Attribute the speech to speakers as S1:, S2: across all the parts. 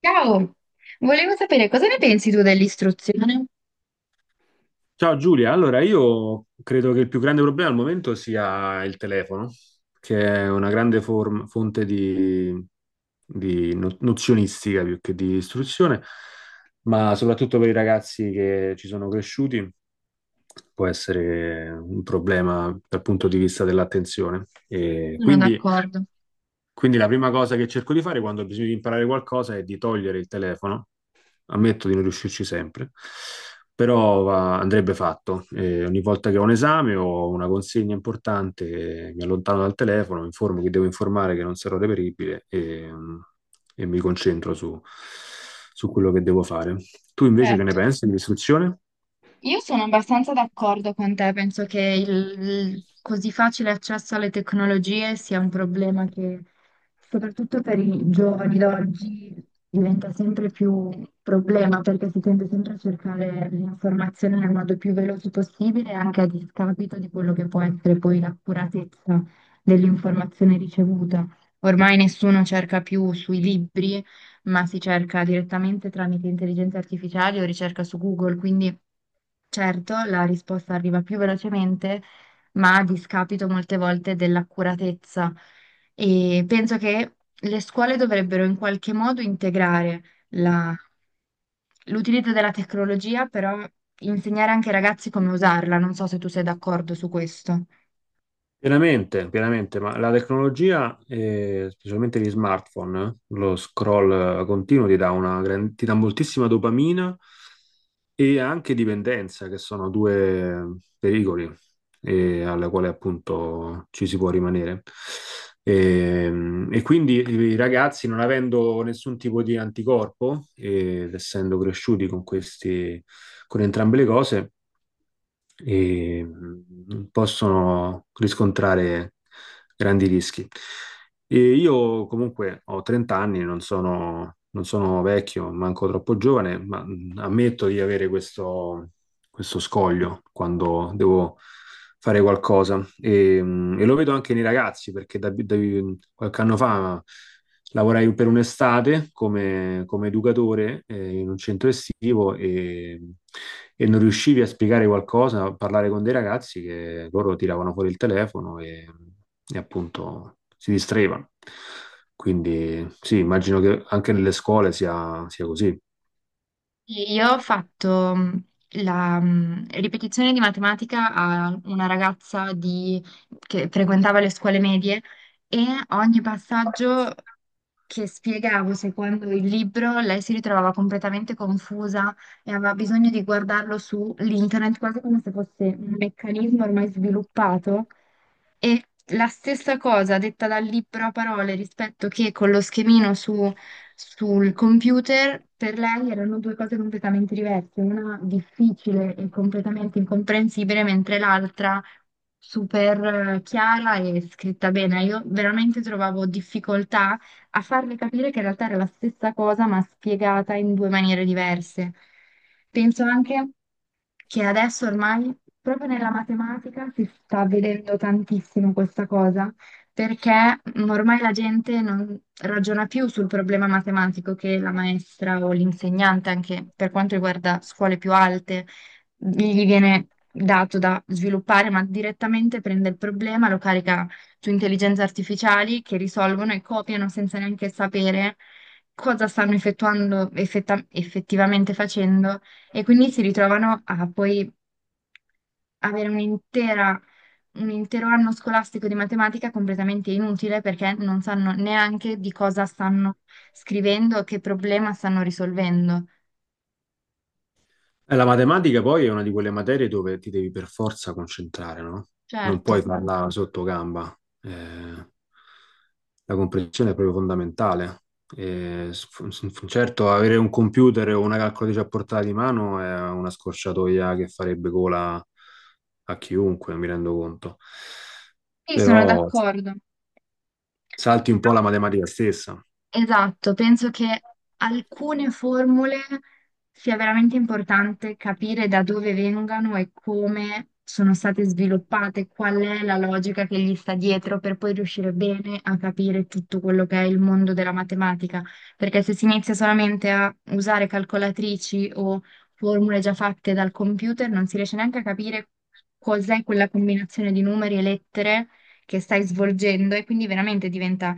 S1: Ciao, volevo sapere cosa ne pensi tu dell'istruzione?
S2: Ciao Giulia, allora io credo che il più grande problema al momento sia il telefono, che è una grande fonte di nozionistica più che di istruzione, ma soprattutto per i ragazzi che ci sono cresciuti può essere un problema dal punto di vista dell'attenzione. E
S1: Sono
S2: quindi,
S1: d'accordo.
S2: quindi la prima cosa che cerco di fare quando ho bisogno di imparare qualcosa è di togliere il telefono, ammetto di non riuscirci sempre, però andrebbe fatto. Ogni volta che ho un esame o una consegna importante, mi allontano dal telefono, mi informo che devo informare che non sarò reperibile e, e mi concentro su quello che devo fare. Tu invece che ne
S1: Certo.
S2: pensi dell'istruzione?
S1: Io sono abbastanza d'accordo con te, penso che il così facile accesso alle tecnologie sia un problema che soprattutto per i giovani d'oggi diventa sempre più un problema perché si tende sempre a cercare l'informazione nel modo più veloce possibile, anche a discapito di quello che può essere poi l'accuratezza dell'informazione ricevuta. Ormai nessuno cerca più sui libri ma si cerca direttamente tramite intelligenza artificiale o ricerca su Google, quindi certo la risposta arriva più velocemente, ma a discapito molte volte dell'accuratezza. E penso che le scuole dovrebbero in qualche modo integrare la- l'utilizzo della tecnologia, però insegnare anche ai ragazzi come usarla. Non so se tu sei d'accordo su questo.
S2: Pienamente, pienamente, ma la tecnologia, specialmente gli smartphone, lo scroll continuo ti dà una ti dà moltissima dopamina e anche dipendenza, che sono due pericoli alla quale appunto ci si può rimanere. E, e quindi i ragazzi, non avendo nessun tipo di anticorpo ed essendo cresciuti con questi, con entrambe le cose, e possono riscontrare grandi rischi. E io comunque ho 30 anni, non sono vecchio, manco troppo giovane, ma ammetto di avere questo, questo scoglio quando devo fare qualcosa. E lo vedo anche nei ragazzi, perché qualche anno fa lavorai per un'estate come educatore in un centro estivo e non riuscivi a spiegare qualcosa, a parlare con dei ragazzi che loro tiravano fuori il telefono e appunto si distraevano. Quindi sì, immagino che anche nelle scuole sia così.
S1: Sì, io ho fatto la ripetizione di matematica a una ragazza che frequentava le scuole medie, e ogni passaggio che spiegavo secondo il libro, lei si ritrovava completamente confusa e aveva bisogno di guardarlo su internet, quasi come se fosse un meccanismo ormai sviluppato. E la stessa cosa detta dal libro a parole rispetto che con lo sul computer, per lei erano due cose completamente diverse, una difficile e completamente incomprensibile, mentre l'altra super chiara e scritta bene. Io veramente trovavo difficoltà a farle capire che in realtà era la stessa cosa, ma spiegata in due maniere diverse. Penso anche che adesso ormai, proprio nella matematica, si sta vedendo tantissimo questa cosa, perché ormai la gente non ragiona più sul problema matematico che la maestra o l'insegnante, anche per quanto riguarda scuole più alte, gli viene dato da sviluppare, ma direttamente prende il problema, lo carica su intelligenze artificiali che risolvono e copiano senza neanche sapere cosa stanno effettivamente facendo, e quindi si ritrovano a poi avere un intero anno scolastico di matematica completamente inutile perché non sanno neanche di cosa stanno scrivendo, che problema stanno risolvendo.
S2: La matematica poi è una di quelle materie dove ti devi per forza concentrare, no? Non
S1: Certo,
S2: puoi farla sotto gamba. Eh, la comprensione è proprio fondamentale. Certo, avere un computer o una calcolatrice a portata di mano è una scorciatoia che farebbe cola a chiunque, mi rendo conto.
S1: sì,
S2: Però
S1: sono d'accordo.
S2: salti un po' la matematica stessa.
S1: Esatto, penso che alcune formule sia veramente importante capire da dove vengano e come sono state sviluppate, qual è la logica che gli sta dietro per poi riuscire bene a capire tutto quello che è il mondo della matematica, perché se si inizia solamente a usare calcolatrici o formule già fatte dal computer, non si riesce neanche a capire cos'è quella combinazione di numeri e lettere che stai svolgendo e quindi veramente diventa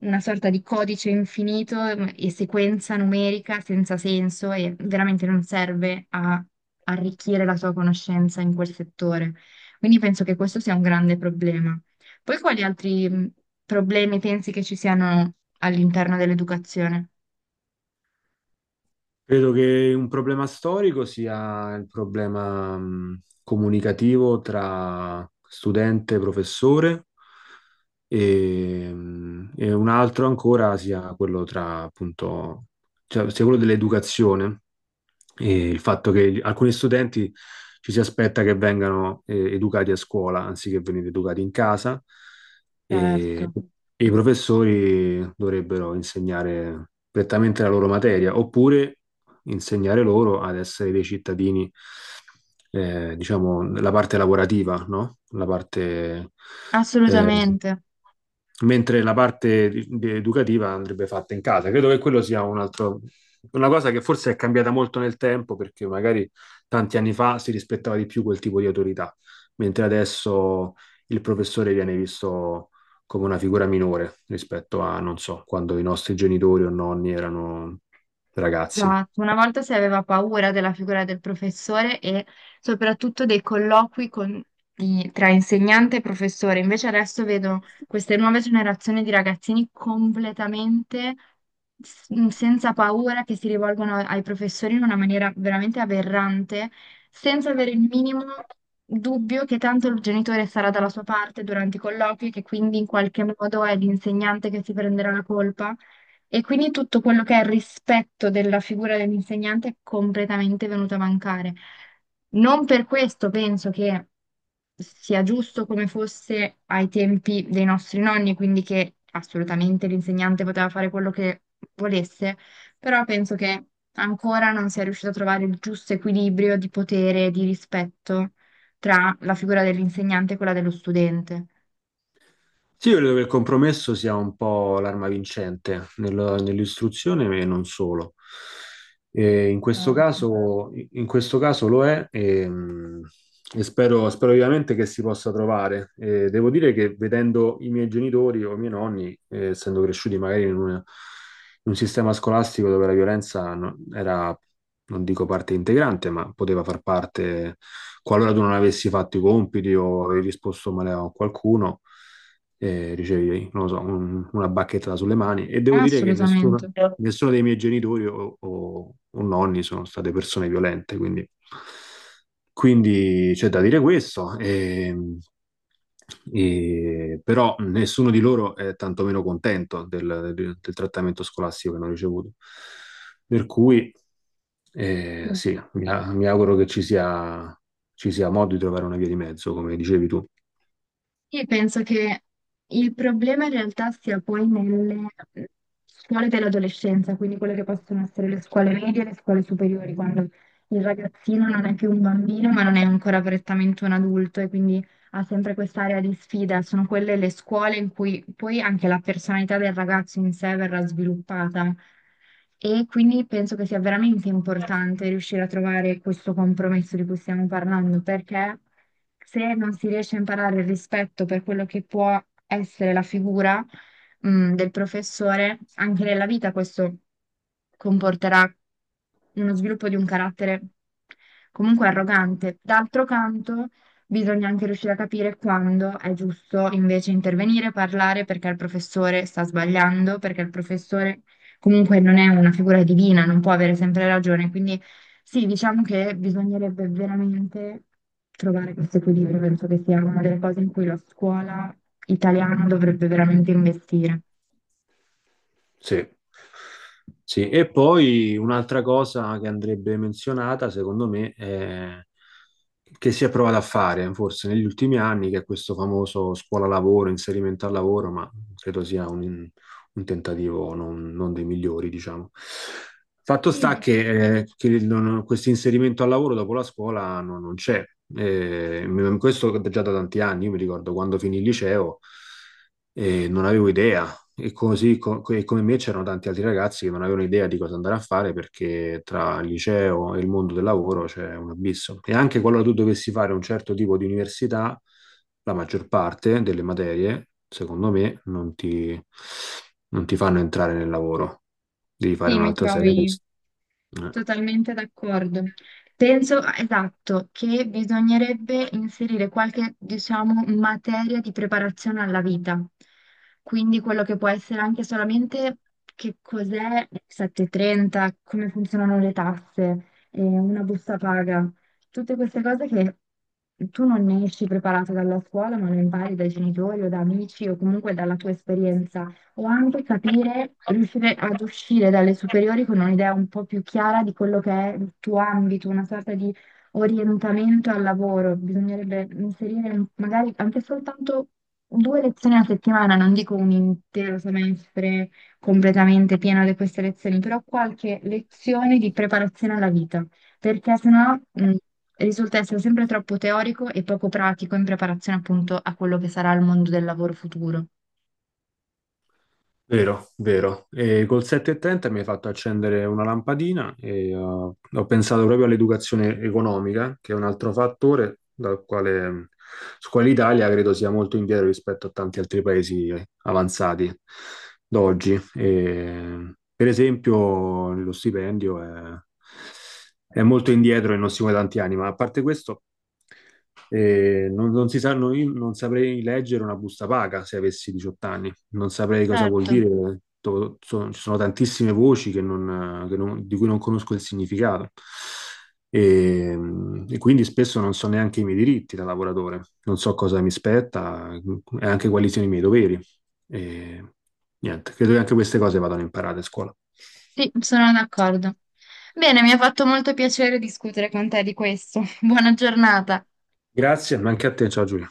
S1: una sorta di codice infinito e sequenza numerica senza senso e veramente non serve a arricchire la tua conoscenza in quel settore. Quindi penso che questo sia un grande problema. Poi quali altri problemi pensi che ci siano all'interno dell'educazione?
S2: Credo che un problema storico sia il problema comunicativo tra studente e professore e un altro ancora sia quello tra sia quello dell'educazione, e il fatto che alcuni studenti ci si aspetta che vengano educati a scuola anziché venire educati in casa e,
S1: Certo.
S2: e i professori dovrebbero insegnare prettamente la loro materia oppure insegnare loro ad essere dei cittadini, diciamo, la parte lavorativa, no? La parte eh,
S1: Assolutamente.
S2: mentre la parte educativa andrebbe fatta in casa. Credo che quello sia un altro, una cosa che forse è cambiata molto nel tempo, perché magari tanti anni fa si rispettava di più quel tipo di autorità, mentre adesso il professore viene visto come una figura minore rispetto a, non so, quando i nostri genitori o nonni erano ragazzi.
S1: Esatto, una volta si aveva paura della figura del professore e soprattutto dei colloqui tra insegnante e professore, invece adesso vedo queste nuove generazioni di ragazzini completamente senza paura che si rivolgono ai professori in una maniera veramente aberrante, senza avere il minimo dubbio che tanto il genitore sarà dalla sua parte durante i colloqui, che quindi in qualche modo è l'insegnante che si prenderà la colpa. E quindi tutto quello che è il rispetto della figura dell'insegnante è completamente venuto a mancare. Non per questo penso che sia giusto come fosse ai tempi dei nostri nonni, quindi che assolutamente l'insegnante poteva fare quello che volesse, però penso che ancora non sia riuscito a trovare il giusto equilibrio di potere e di rispetto tra la figura dell'insegnante e quella dello studente.
S2: Sì, io credo che il compromesso sia un po' l'arma vincente nell'istruzione e non solo. E
S1: Certo.
S2: in questo caso lo è e spero, spero vivamente che si possa trovare. E devo dire che vedendo i miei genitori o i miei nonni, essendo cresciuti magari in un sistema scolastico dove la violenza era, non dico parte integrante, ma poteva far parte qualora tu non avessi fatto i compiti o avevi risposto male a qualcuno, ricevi, non lo so, una bacchetta sulle mani. E devo dire che nessuno,
S1: Assolutamente.
S2: nessuno dei miei genitori o nonni sono state persone violente, quindi, quindi c'è da dire questo. E però nessuno di loro è tantomeno contento del trattamento scolastico che hanno ricevuto. Per cui,
S1: Sì.
S2: sì, mi auguro che ci sia modo di trovare una via di mezzo, come dicevi tu.
S1: Io penso che il problema in realtà sia poi nelle scuole dell'adolescenza, quindi quelle che possono essere le scuole medie e le scuole superiori, quando il ragazzino non è più un bambino, ma non è ancora prettamente un adulto e quindi ha sempre quest'area di sfida, sono quelle le scuole in cui poi anche la personalità del ragazzo in sé verrà sviluppata. E quindi penso che sia veramente importante riuscire a trovare questo compromesso di cui stiamo parlando, perché se non si riesce a imparare il rispetto per quello che può essere la figura, del professore, anche nella vita questo comporterà uno sviluppo di un carattere comunque arrogante. D'altro canto, bisogna anche riuscire a capire quando è giusto invece intervenire, parlare perché il professore sta sbagliando, perché il professore comunque non è una figura divina, non può avere sempre ragione. Quindi sì, diciamo che bisognerebbe veramente trovare questo equilibrio. Penso che sia una delle cose in cui la scuola italiana dovrebbe veramente investire.
S2: Sì. Sì, e poi un'altra cosa che andrebbe menzionata, secondo me, è che si è provata a fare forse negli ultimi anni, che è questo famoso scuola-lavoro, inserimento al lavoro, ma credo sia un tentativo non dei migliori, diciamo. Fatto
S1: Sì,
S2: sta che questo inserimento al lavoro dopo la scuola non c'è. Questo già da tanti anni, io mi ricordo quando finì il liceo e non avevo idea e così e come me c'erano tanti altri ragazzi che non avevano idea di cosa andare a fare perché tra il liceo e il mondo del lavoro c'è un abisso. E anche qualora tu dovessi fare un certo tipo di università, la maggior parte delle materie, secondo me, non ti fanno entrare nel lavoro. Devi fare
S1: sì, mi
S2: un'altra serie di...
S1: trovi.
S2: Eh.
S1: Totalmente d'accordo. Penso, ah, esatto, che bisognerebbe inserire qualche, diciamo, materia di preparazione alla vita. Quindi quello che può essere anche solamente che cos'è il 730, come funzionano le tasse, una busta paga, tutte queste cose che tu non ne esci preparato dalla scuola, ma lo impari dai genitori o da amici o comunque dalla tua esperienza, o anche capire, riuscire ad uscire dalle superiori con un'idea un po' più chiara di quello che è il tuo ambito, una sorta di orientamento al lavoro. Bisognerebbe inserire magari anche soltanto 2 lezioni a settimana, non dico un intero semestre completamente pieno di queste lezioni, però qualche lezione di preparazione alla vita, perché sennò risulta essere sempre troppo teorico e poco pratico in preparazione appunto a quello che sarà il mondo del lavoro futuro.
S2: Vero, vero. E col 730 mi hai fatto accendere una lampadina e ho pensato proprio all'educazione economica, che è un altro fattore dal quale, su quale l'Italia credo sia molto indietro rispetto a tanti altri paesi avanzati d'oggi. E, per esempio, lo stipendio è molto indietro e non si muove da tanti anni, ma a parte questo, non si sanno, io non saprei leggere una busta paga se avessi 18 anni non saprei cosa vuol
S1: Certo.
S2: dire. Ci sono tantissime voci che non- di cui non conosco il significato. E, e quindi spesso non so neanche i miei diritti da lavoratore, non so cosa mi spetta e anche quali siano i miei doveri. E, niente, credo che anche queste cose vadano imparate a scuola.
S1: Sì, sono d'accordo. Bene, mi ha fatto molto piacere discutere con te di questo. Buona giornata.
S2: Grazie, ma anche a te, ciao Giulia.